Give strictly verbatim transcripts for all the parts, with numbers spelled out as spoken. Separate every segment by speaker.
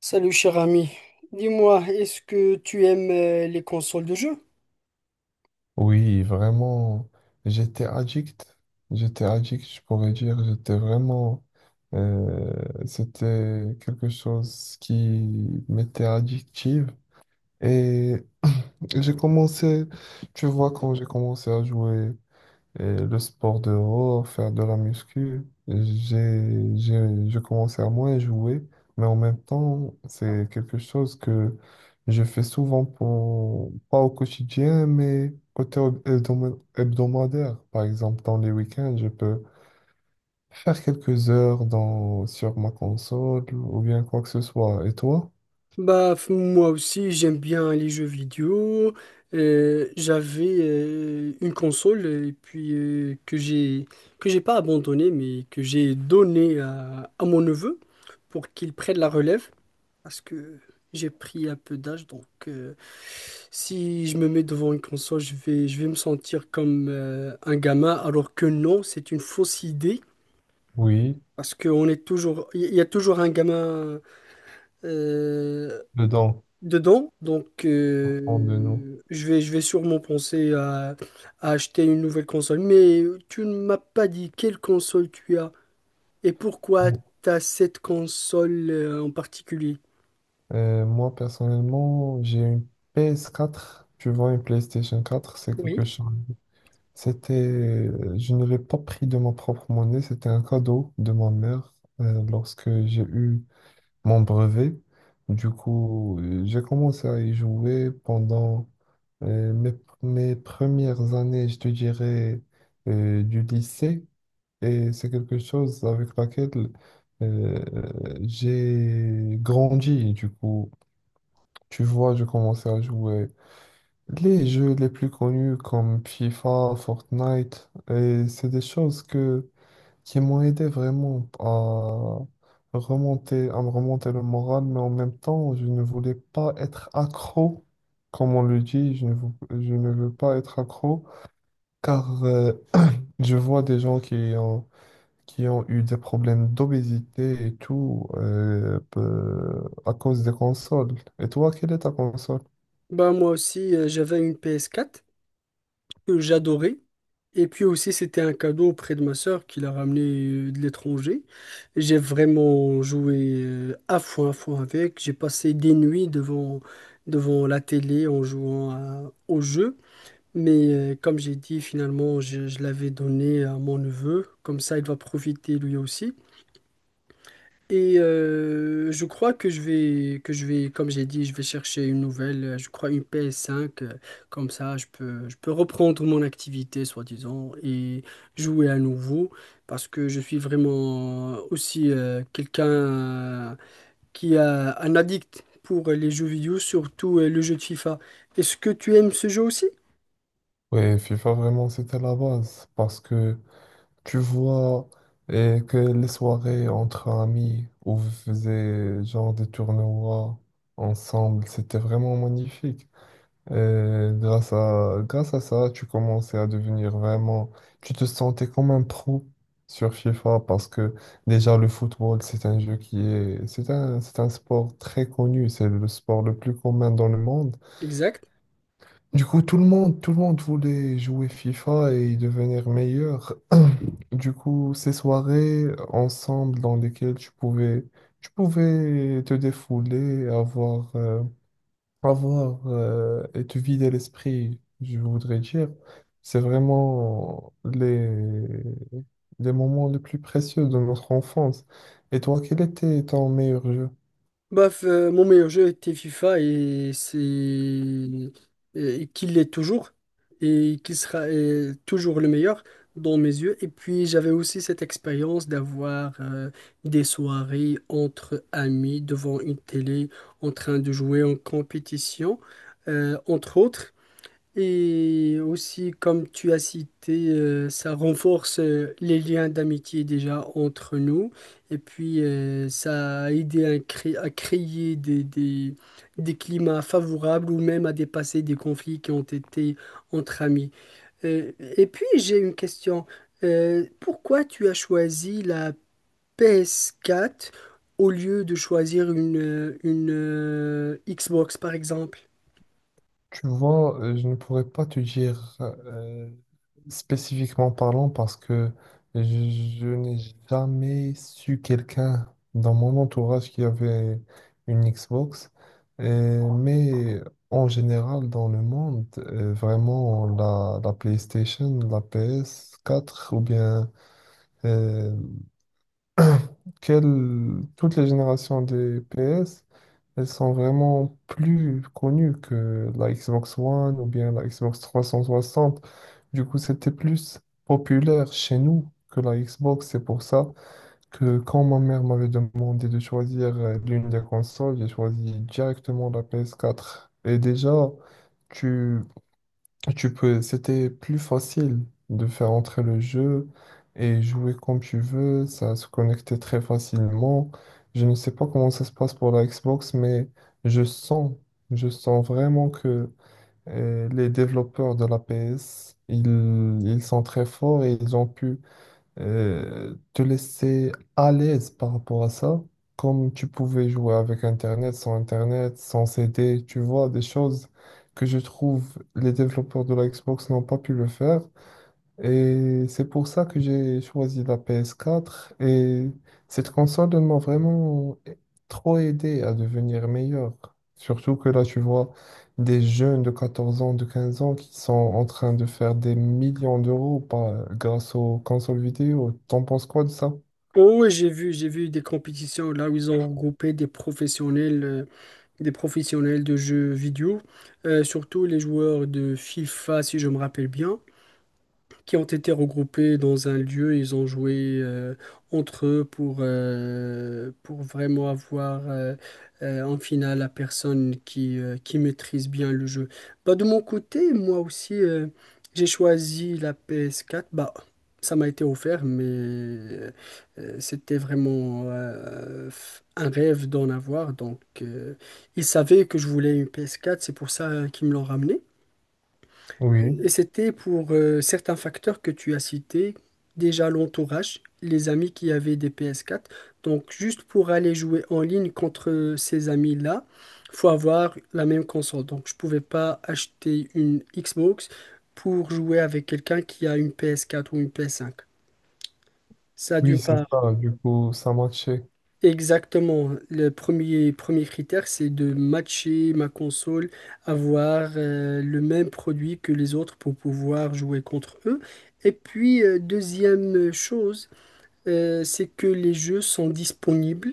Speaker 1: Salut cher ami, dis-moi, est-ce que tu aimes euh, les consoles de jeux?
Speaker 2: Oui, vraiment, j'étais addict. J'étais addict, je pourrais dire. J'étais vraiment... euh, c'était quelque chose qui m'était addictive. Et j'ai commencé, tu vois, quand j'ai commencé à jouer. Et le sport dehors, faire de la muscu, j'ai, j'ai, je commençais à moins jouer, mais en même temps, c'est quelque chose que je fais souvent pour, pas au quotidien, mais côté hab- hebdoma- hebdomadaire. Par exemple, dans les week-ends, je peux faire quelques heures dans, sur ma console ou bien quoi que ce soit. Et toi?
Speaker 1: Bah f- moi aussi j'aime bien les jeux vidéo. Euh, j'avais euh, une console euh, et puis euh, que j'ai que j'ai pas abandonnée mais que j'ai donnée à, à mon neveu pour qu'il prenne la relève parce que j'ai pris un peu d'âge donc euh, si je me mets devant une console je vais je vais me sentir comme euh, un gamin alors que non, c'est une fausse idée.
Speaker 2: Oui,
Speaker 1: Parce qu'on est toujours, il y a toujours un gamin euh,
Speaker 2: dedans,
Speaker 1: dedans, donc
Speaker 2: prendre de nous.
Speaker 1: euh, je vais, je vais sûrement penser à, à acheter une nouvelle console. Mais tu ne m'as pas dit quelle console tu as et pourquoi tu as cette console euh, en particulier.
Speaker 2: Euh, moi, personnellement, j'ai une P S quatre. Tu vois, une PlayStation quatre, c'est
Speaker 1: Oui.
Speaker 2: quelque chose. C'était, euh, je ne l'ai pas pris de ma propre monnaie, c'était un cadeau de ma mère euh, lorsque j'ai eu mon brevet. Du coup, euh, j'ai commencé à y jouer pendant euh, mes, mes premières années, je te dirais, euh, du lycée. Et c'est quelque chose avec laquelle euh, j'ai grandi. Du coup, tu vois, je commençais à jouer les jeux les plus connus comme FIFA, Fortnite, et c'est des choses que, qui m'ont aidé vraiment à remonter, à me remonter le moral, mais en même temps, je ne voulais pas être accro, comme on le dit, je ne, vou- je ne veux pas être accro, car euh, je vois des gens qui ont, qui ont eu des problèmes d'obésité et tout euh, peu- à cause des consoles. Et toi, quelle est ta console?
Speaker 1: Bah moi aussi, euh, j'avais une p s quatre que j'adorais. Et puis aussi, c'était un cadeau auprès de ma sœur qui l'a ramené euh, de l'étranger. J'ai vraiment joué euh, à fond, à fond avec. J'ai passé des nuits devant, devant la télé en jouant à- au jeu. Mais euh, comme j'ai dit, finalement, je, je l'avais donné à mon neveu. Comme ça, il va profiter lui aussi. Et euh, je crois que je vais, que je vais, comme j'ai dit, je vais chercher une nouvelle, euh, je crois une p s cinq, euh, comme ça je peux, je peux reprendre mon activité, soi-disant, et jouer à nouveau, parce que je suis vraiment aussi euh, quelqu'un euh, qui a un addict pour les jeux vidéo, surtout euh, le jeu de FIFA. Est-ce que tu aimes ce jeu aussi?
Speaker 2: Ouais, FIFA, vraiment, c'était la base. Parce que tu vois eh, que les soirées entre amis où vous faisiez genre des tournois ensemble, c'était vraiment magnifique. Et grâce à, grâce à ça, tu commençais à devenir vraiment... Tu te sentais comme un pro sur FIFA parce que déjà le football, c'est un jeu qui est... C'est un, c'est un sport très connu. C'est le sport le plus commun dans le monde.
Speaker 1: Exact.
Speaker 2: Du coup, tout le monde, tout le monde voulait jouer FIFA et y devenir meilleur. Du coup, ces soirées ensemble dans lesquelles tu pouvais, tu pouvais te défouler, avoir, euh, avoir euh, et te vider l'esprit, je voudrais dire, c'est vraiment les, les moments les plus précieux de notre enfance. Et toi, quel était ton meilleur jeu?
Speaker 1: Bref, euh, mon meilleur jeu était FIFA et c'est et qu'il l'est toujours et qu'il sera euh, toujours le meilleur dans mes yeux. Et puis j'avais aussi cette expérience d'avoir euh, des soirées entre amis devant une télé en train de jouer en compétition, euh, entre autres. Et aussi, comme tu as cité, euh, ça renforce euh, les liens d'amitié déjà entre nous. Et puis, euh, ça a aidé à, cré- à créer des, des, des climats favorables ou même à dépasser des conflits qui ont été entre amis. Euh, et puis, j'ai une question. Euh, pourquoi tu as choisi la p s quatre au lieu de choisir une, euh, une euh, Xbox, par exemple?
Speaker 2: Tu vois, euh, je ne pourrais pas te dire euh, spécifiquement parlant parce que je, je n'ai jamais su quelqu'un dans mon entourage qui avait une Xbox. Et- mais en général, dans le monde, euh, vraiment, la, la PlayStation, la P S quatre ou bien euh, quelle- toutes les générations des P S elles sont vraiment plus connues que la Xbox One ou bien la Xbox trois cent soixante. Du coup, c'était plus populaire chez nous que la Xbox. C'est pour ça que quand ma mère m'avait demandé de choisir euh, l'une des consoles, j'ai choisi directement la P S quatre. Et déjà, tu tu peux, c'était plus facile de faire entrer le jeu et jouer comme tu veux, ça se connectait très facilement. Je ne sais pas comment ça se passe pour la Xbox, mais je sens, je sens vraiment que euh, les développeurs de la P S, ils, ils sont très forts et ils ont pu euh, te laisser à l'aise par rapport à ça, comme tu pouvais jouer avec Internet, sans Internet, sans C D, tu vois, des choses que je trouve les développeurs de la Xbox n'ont pas pu le faire. Et c'est pour ça que j'ai choisi la P S quatre. Et cette console, elle m'a vraiment trop aidé à devenir meilleur. Surtout que là, tu vois des jeunes de 14 ans, de 15 ans qui sont en train de faire des millions d'euros par- grâce aux consoles vidéo. T'en penses quoi de ça?
Speaker 1: Oh, oui, j'ai vu, j'ai vu des compétitions là où ils ont regroupé des professionnels, euh, des professionnels de jeux vidéo, euh, surtout les joueurs de FIFA, si je me rappelle bien, qui ont été regroupés dans un lieu. Ils ont joué euh, entre eux pour, euh, pour vraiment avoir euh, euh, en finale la personne qui, euh, qui maîtrise bien le jeu. Bah, de mon côté, moi aussi, euh, j'ai choisi la p s quatre. Bah, ça m'a été offert, mais euh, euh, c'était vraiment euh, un rêve d'en avoir. Donc, euh, ils savaient que je voulais une p s quatre, c'est pour ça euh, qu'ils me l'ont ramené. Et
Speaker 2: Oui,
Speaker 1: c'était pour euh, certains facteurs que tu as cités, déjà l'entourage, les amis qui avaient des p s quatre. Donc juste pour aller jouer en ligne contre ces amis-là, faut avoir la même console. Donc je pouvais pas acheter une Xbox pour jouer avec quelqu'un qui a une p s quatre ou une p s cinq. Ça d'une
Speaker 2: oui, c'est
Speaker 1: part.
Speaker 2: ça. Du coup, ça matchait.
Speaker 1: Exactement. Le premier, premier critère, c'est de matcher ma console, avoir euh, le même produit que les autres pour pouvoir jouer contre eux. Et puis, euh, deuxième chose, euh, c'est que les jeux sont disponibles.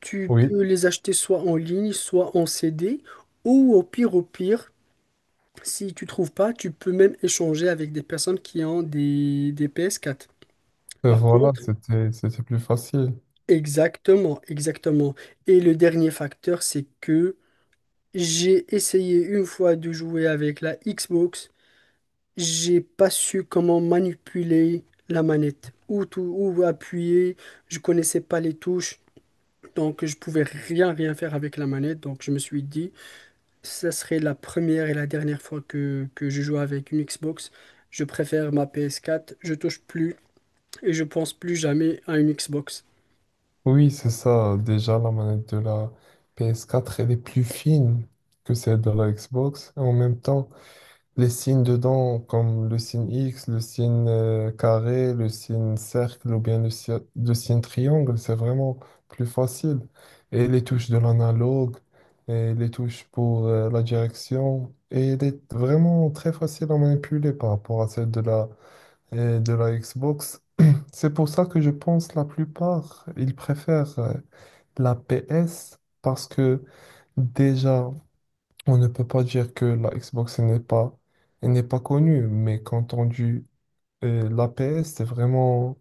Speaker 1: Tu
Speaker 2: Oui,
Speaker 1: peux les acheter soit en ligne, soit en C D ou au pire, au pire, si tu trouves pas, tu peux même échanger avec des personnes qui ont des, des p s quatre.
Speaker 2: Euh,
Speaker 1: Par
Speaker 2: voilà,
Speaker 1: contre,
Speaker 2: c'était, c'était plus facile.
Speaker 1: exactement, exactement. Et le dernier facteur, c'est que j'ai essayé une fois de jouer avec la Xbox, j'ai pas su comment manipuler la manette, où tout, où appuyer, je connaissais pas les touches, donc je pouvais rien rien faire avec la manette, donc je me suis dit, ça serait la première et la dernière fois que, que je joue avec une Xbox. Je préfère ma p s quatre, je touche plus et je pense plus jamais à une Xbox.
Speaker 2: Oui, c'est ça. Déjà, la manette de la P S quatre, elle est plus fine que celle de la Xbox. Et en même temps, les signes dedans, comme le signe X, le signe euh, carré, le signe cercle ou bien le, si- le signe triangle, c'est vraiment plus facile. Et les touches de l'analogue, et les touches pour euh, la direction. Et elle est vraiment très facile à manipuler par rapport à celle de la, euh, de la Xbox. C'est pour ça que je pense la plupart, ils préfèrent. euh, la P S, parce que déjà, on ne peut pas dire que la Xbox elle n'est pas, elle n'est pas connue, mais quand on dit euh, la P S, c'est vraiment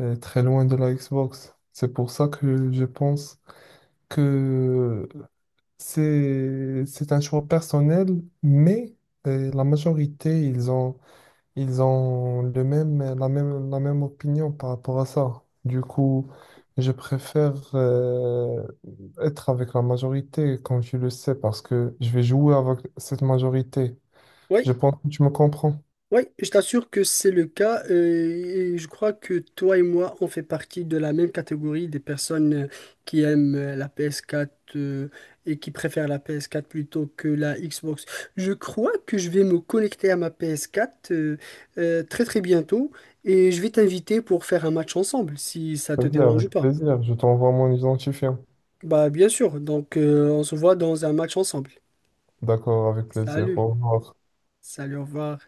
Speaker 2: euh, très loin de la Xbox. C'est pour ça que je pense que c'est, c'est un choix personnel, mais euh, la majorité, ils ont ils ont le même, la même, la même opinion par rapport à ça. Du coup, je préfère euh, être avec la majorité, comme tu le sais, parce que je vais jouer avec cette majorité.
Speaker 1: Oui,
Speaker 2: Je pense que tu me comprends.
Speaker 1: oui, je t'assure que c'est le cas, euh, et je crois que toi et moi, on fait partie de la même catégorie des personnes euh, qui aiment euh, la ps quatre euh, et qui préfèrent la ps quatre plutôt que la Xbox. Je crois que je vais me connecter à ma ps quatre euh, euh, très très bientôt et je vais t'inviter pour faire un match ensemble si ça te
Speaker 2: Ok,
Speaker 1: dérange
Speaker 2: avec
Speaker 1: pas.
Speaker 2: plaisir. Je t'envoie mon identifiant.
Speaker 1: Bah bien sûr, donc euh, on se voit dans un match ensemble.
Speaker 2: D'accord, avec plaisir.
Speaker 1: Salut,
Speaker 2: Au revoir.
Speaker 1: salut, au revoir.